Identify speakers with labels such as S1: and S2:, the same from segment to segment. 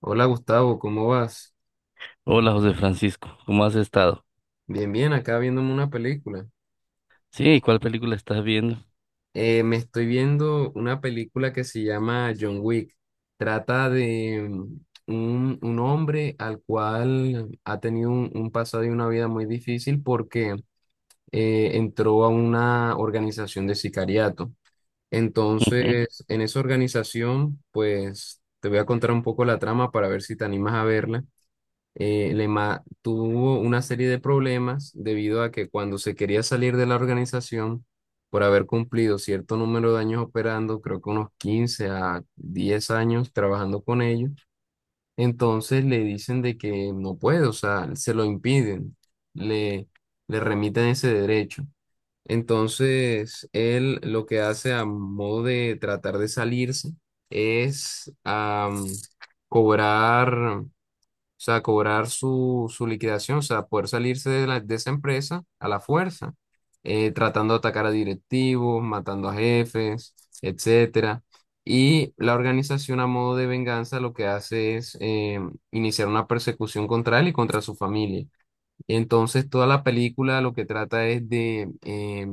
S1: Hola Gustavo, ¿cómo vas?
S2: Hola José Francisco, ¿cómo has estado?
S1: Bien, bien, acá viéndome una película.
S2: Sí, ¿y cuál película estás viendo?
S1: Me estoy viendo una película que se llama John Wick. Trata de un hombre al cual ha tenido un pasado y una vida muy difícil porque entró a una organización de sicariato.
S2: Ujú.
S1: Entonces, en esa organización, pues te voy a contar un poco la trama para ver si te animas a verla. Lema tuvo una serie de problemas debido a que cuando se quería salir de la organización, por haber cumplido cierto número de años operando, creo que unos 15 a 10 años trabajando con ellos, entonces le dicen de que no puede, o sea, se lo impiden, le, le remiten ese derecho. Entonces, él lo que hace a modo de tratar de salirse es cobrar, o sea, cobrar su liquidación, o sea, poder salirse de, de esa empresa a la fuerza, tratando de atacar a directivos, matando a jefes, etcétera. Y la organización a modo de venganza lo que hace es iniciar una persecución contra él y contra su familia. Entonces, toda la película lo que trata es de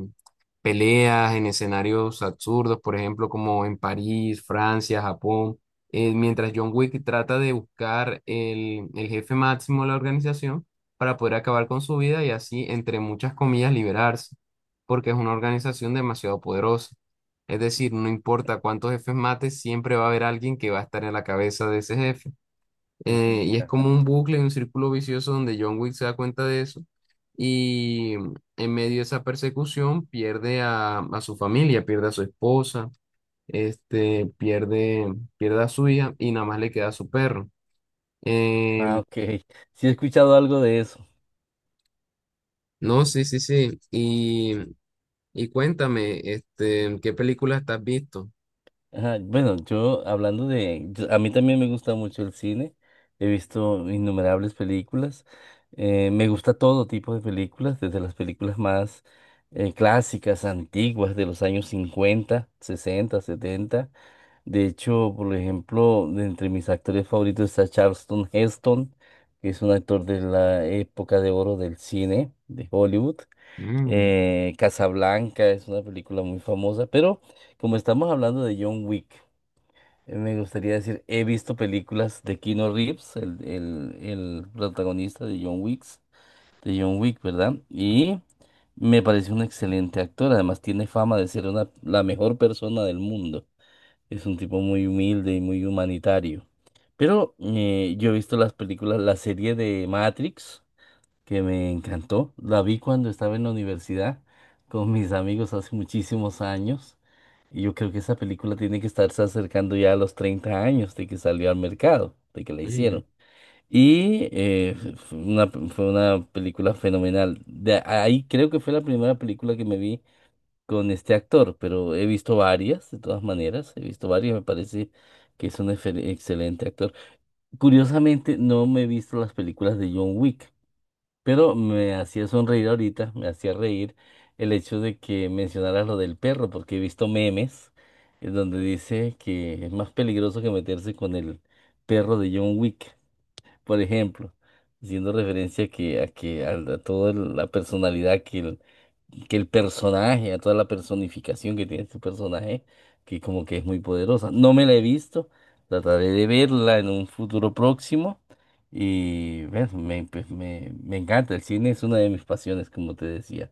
S1: peleas en escenarios absurdos, por ejemplo, como en París, Francia, Japón, mientras John Wick trata de buscar el jefe máximo de la organización para poder acabar con su vida y así, entre muchas comillas, liberarse, porque es una organización demasiado poderosa. Es decir, no importa cuántos jefes mates, siempre va a haber alguien que va a estar en la cabeza de ese jefe, y es como un bucle, un círculo vicioso donde John Wick se da cuenta de eso y en medio de esa persecución pierde a su familia, pierde a su esposa, este, pierde a su hija y nada más le queda a su perro.
S2: Ah,
S1: Em,
S2: ok. Sí, he escuchado algo de eso.
S1: no, sí, sí, sí. Y cuéntame, este, ¿qué películas te has visto?
S2: Ajá. Bueno, yo hablando de... yo- a mí también me gusta mucho el cine. He visto innumerables películas. Me gusta todo tipo de películas, desde las películas más clásicas, antiguas, de los años 50, 60, 70. De hecho, por ejemplo, de entre mis actores favoritos está Charlton Heston, que es un actor de la época de oro del cine de Hollywood.
S1: Mm,
S2: Casablanca es una película muy famosa, pero como estamos hablando de John Wick, me gustaría decir, he visto películas de Keanu Reeves, el protagonista de John Wick, ¿verdad? Y me parece un excelente actor, además tiene fama de ser la mejor persona del mundo. Es un tipo muy humilde y muy humanitario. Pero yo he visto las películas, la serie de Matrix, que me encantó. La vi cuando estaba en la universidad con mis amigos hace muchísimos años. Y yo creo que esa película tiene que estarse acercando ya a los 30 años de que salió al mercado, de que la
S1: mm,
S2: hicieron. Y fue una película fenomenal. De ahí creo que fue la primera película que me vi con este actor, pero he visto varias, de todas maneras, he visto varias, me parece que es un excelente actor. Curiosamente, no me he visto las películas de John Wick, pero me hacía sonreír ahorita, me hacía reír el hecho de que mencionaras lo del perro, porque he visto memes en donde dice que es más peligroso que meterse con el perro de John Wick, por ejemplo, haciendo referencia toda la personalidad que el personaje, a toda la personificación que tiene este personaje, que como que es muy poderosa. No me la he visto, trataré de verla en un futuro próximo. Y bueno, pues, me encanta, el cine es una de mis pasiones, como te decía.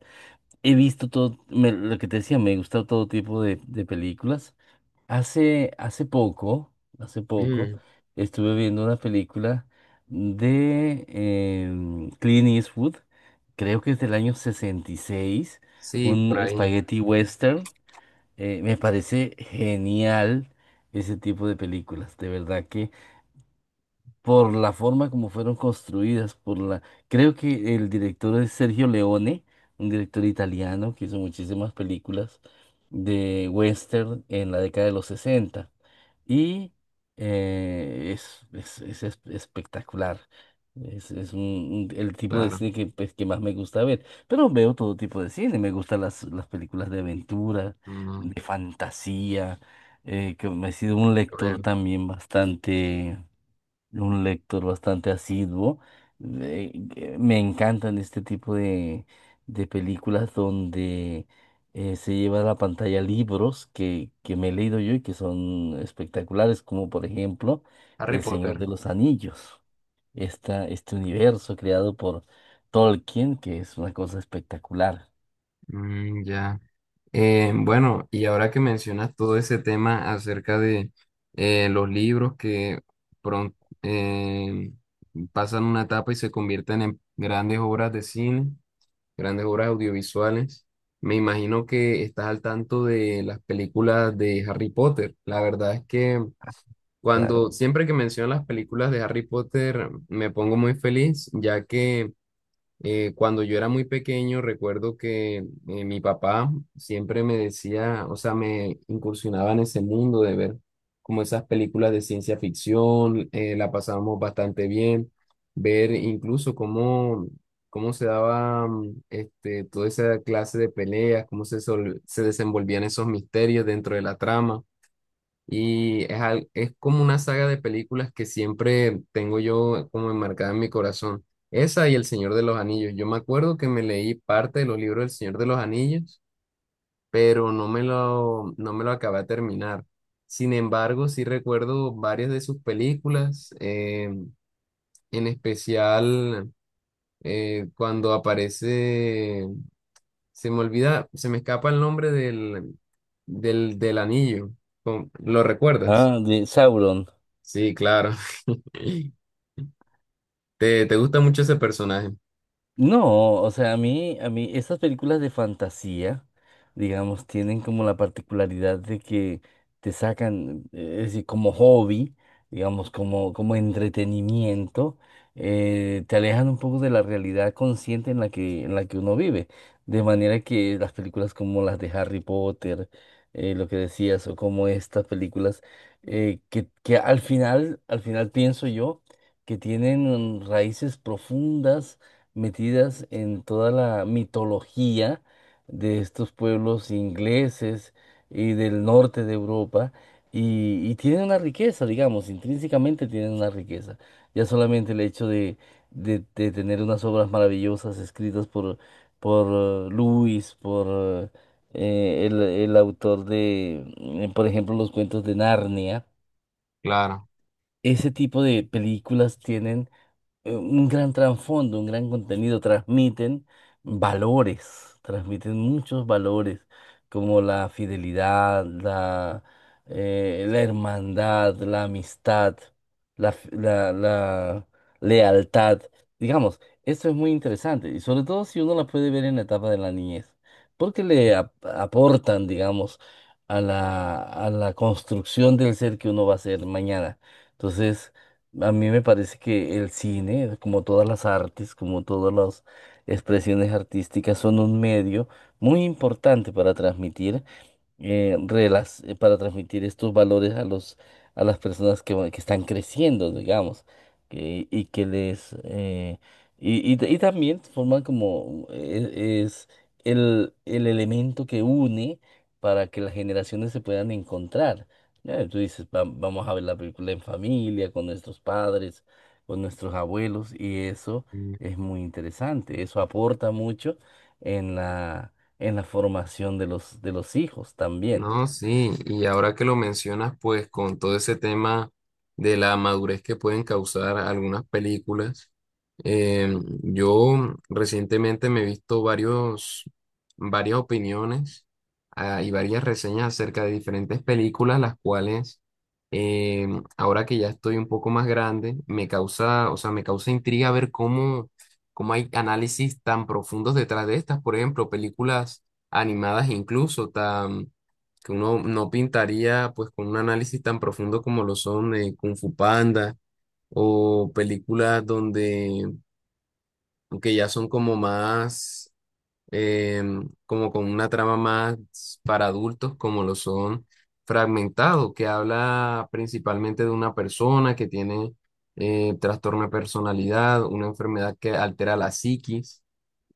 S2: He visto todo, lo que te decía, me gusta todo tipo de películas. Hace, hace poco, hace poco,
S1: mm.
S2: estuve viendo una película de Clint Eastwood, creo que es del año 66,
S1: Sí, por
S2: un
S1: ahí,
S2: spaghetti western. Me parece genial ese tipo de películas, de verdad que por la forma como fueron construidas, Creo que el director es Sergio Leone, un director italiano que hizo muchísimas películas de western en la década de los 60. Y espectacular. Es, es un- el tipo de
S1: claro.
S2: cine que, pues, que más me gusta ver, pero veo todo tipo de cine, me gustan las películas de aventura,
S1: Mm,
S2: de fantasía, que me he sido un
S1: a
S2: lector
S1: ver,
S2: también bastante un lector bastante asiduo. Que me encantan este tipo de películas donde se lleva a la pantalla libros que me he leído yo y que son espectaculares, como por ejemplo
S1: Harry
S2: El Señor
S1: Potter.
S2: de los Anillos, este universo creado por Tolkien, que es una cosa espectacular.
S1: Mm, ya. Bueno, y ahora que mencionas todo ese tema acerca de los libros que pron- eh, pasan una etapa y se convierten en grandes obras de cine, grandes obras audiovisuales, me imagino que estás al tanto de las películas de Harry Potter. La verdad es que
S2: Claro.
S1: cuando siempre que menciono las películas de Harry Potter me pongo muy feliz, ya que cuando yo era muy pequeño, recuerdo que mi papá siempre me decía, o sea, me incursionaba en ese mundo de ver como esas películas de ciencia ficción, la pasábamos bastante bien, ver incluso cómo se daba este, toda esa clase de peleas, cómo se desenvolvían esos misterios dentro de la trama. Y es, es como una saga de películas que siempre tengo yo como enmarcada en mi corazón. Esa y El Señor de los Anillos. Yo me acuerdo que me leí parte de los libros del Señor de los Anillos, pero no me lo acabé de terminar. Sin embargo, sí recuerdo varias de sus películas, en especial cuando aparece, se me olvida, se me escapa el nombre del anillo. ¿Lo recuerdas?
S2: Ah, de Sauron.
S1: Sí, claro. ¿Te gusta mucho ese personaje?
S2: No, o sea, esas películas de fantasía, digamos, tienen como la particularidad de que te sacan, es decir, como hobby, digamos, como entretenimiento, te alejan un poco de la realidad consciente en la que uno vive. De manera que las películas como las de Harry Potter, lo que decías, o como estas películas, que, que al final, pienso yo, que tienen raíces profundas metidas en toda la mitología de estos pueblos ingleses y del norte de Europa, y tienen una riqueza, digamos, intrínsecamente tienen una riqueza. Ya solamente el hecho de tener unas obras maravillosas escritas por Lewis, por el autor de, por ejemplo, los cuentos de Narnia.
S1: Claro.
S2: Ese tipo de películas tienen un gran trasfondo, un gran contenido, transmiten valores, transmiten muchos valores, como la fidelidad, la hermandad, la amistad, la lealtad. Digamos, eso es muy interesante, y sobre todo si uno la puede ver en la etapa de la niñez, porque le aportan, digamos, a la construcción del ser que uno va a ser mañana. Entonces, a mí me parece que el cine, como todas las artes, como todas las expresiones artísticas, son un medio muy importante para transmitir relas para transmitir estos valores a los a las personas que están creciendo, digamos, y que les y también forman como el elemento que une para que las generaciones se puedan encontrar. Ya, tú dices, Vamos a ver la película en familia, con nuestros padres, con nuestros abuelos", y eso es muy interesante, eso aporta mucho en la formación de los hijos también.
S1: No, sí, y ahora que lo mencionas, pues con todo ese tema de la madurez que pueden causar algunas películas, eh, yo recientemente me he visto varias opiniones, ah, y varias reseñas acerca de diferentes películas, las cuales eh, ahora que ya estoy un poco más grande, me causa, o sea, me causa intriga ver cómo hay análisis tan profundos detrás de estas, por ejemplo, películas animadas incluso, tan que uno no pintaría pues con un análisis tan profundo como lo son Kung Fu Panda o películas donde que ya son como más como con una trama más para adultos, como lo son Fragmentado, que habla principalmente de una persona que tiene trastorno de personalidad, una enfermedad que altera la psiquis,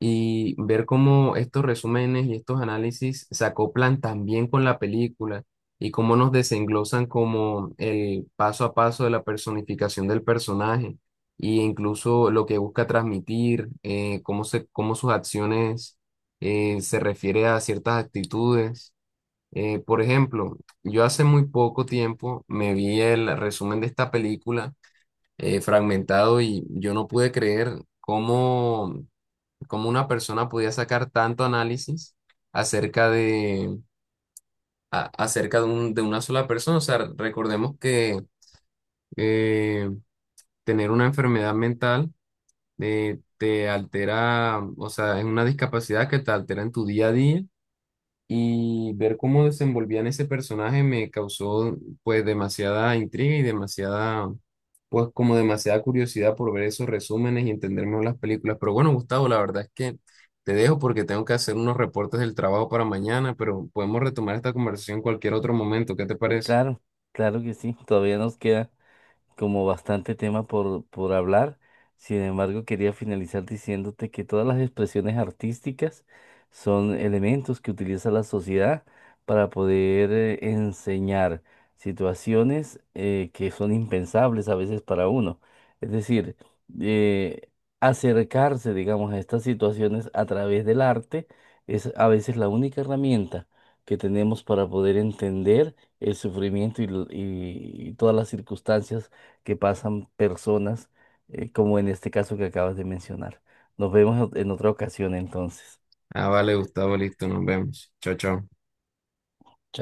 S1: y ver cómo estos resúmenes y estos análisis se acoplan también con la película. Y cómo nos desenglosan como el paso a paso de la personificación del personaje e incluso lo que busca transmitir, cómo sus acciones se refiere a ciertas actitudes. Por ejemplo, yo hace muy poco tiempo me vi el resumen de esta película fragmentado y yo no pude creer cómo una persona podía sacar tanto análisis acerca de, acerca de una sola persona. O sea, recordemos que eh, tener una enfermedad mental te altera, o sea, es una discapacidad que te altera en tu día a día y ver cómo desenvolvían ese personaje me causó pues demasiada intriga y demasiada, pues como demasiada curiosidad por ver esos resúmenes y entender mejor las películas. Pero bueno, Gustavo, la verdad es que te dejo porque tengo que hacer unos reportes del trabajo para mañana, pero podemos retomar esta conversación en cualquier otro momento. ¿Qué te
S2: Sí,
S1: parece?
S2: claro, claro que sí, todavía nos queda como bastante tema por hablar. Sin embargo, quería finalizar diciéndote que todas las expresiones artísticas son elementos que utiliza la sociedad para poder enseñar situaciones que son impensables a veces para uno. Es decir, eh, acercarse, digamos, a estas situaciones a través del arte es a veces la única herramienta que tenemos para poder entender el sufrimiento y todas las circunstancias que pasan personas, como en este caso que acabas de mencionar. Nos vemos en otra ocasión entonces.
S1: Ah, vale, Gustavo, listo, nos vemos. Chao, chao.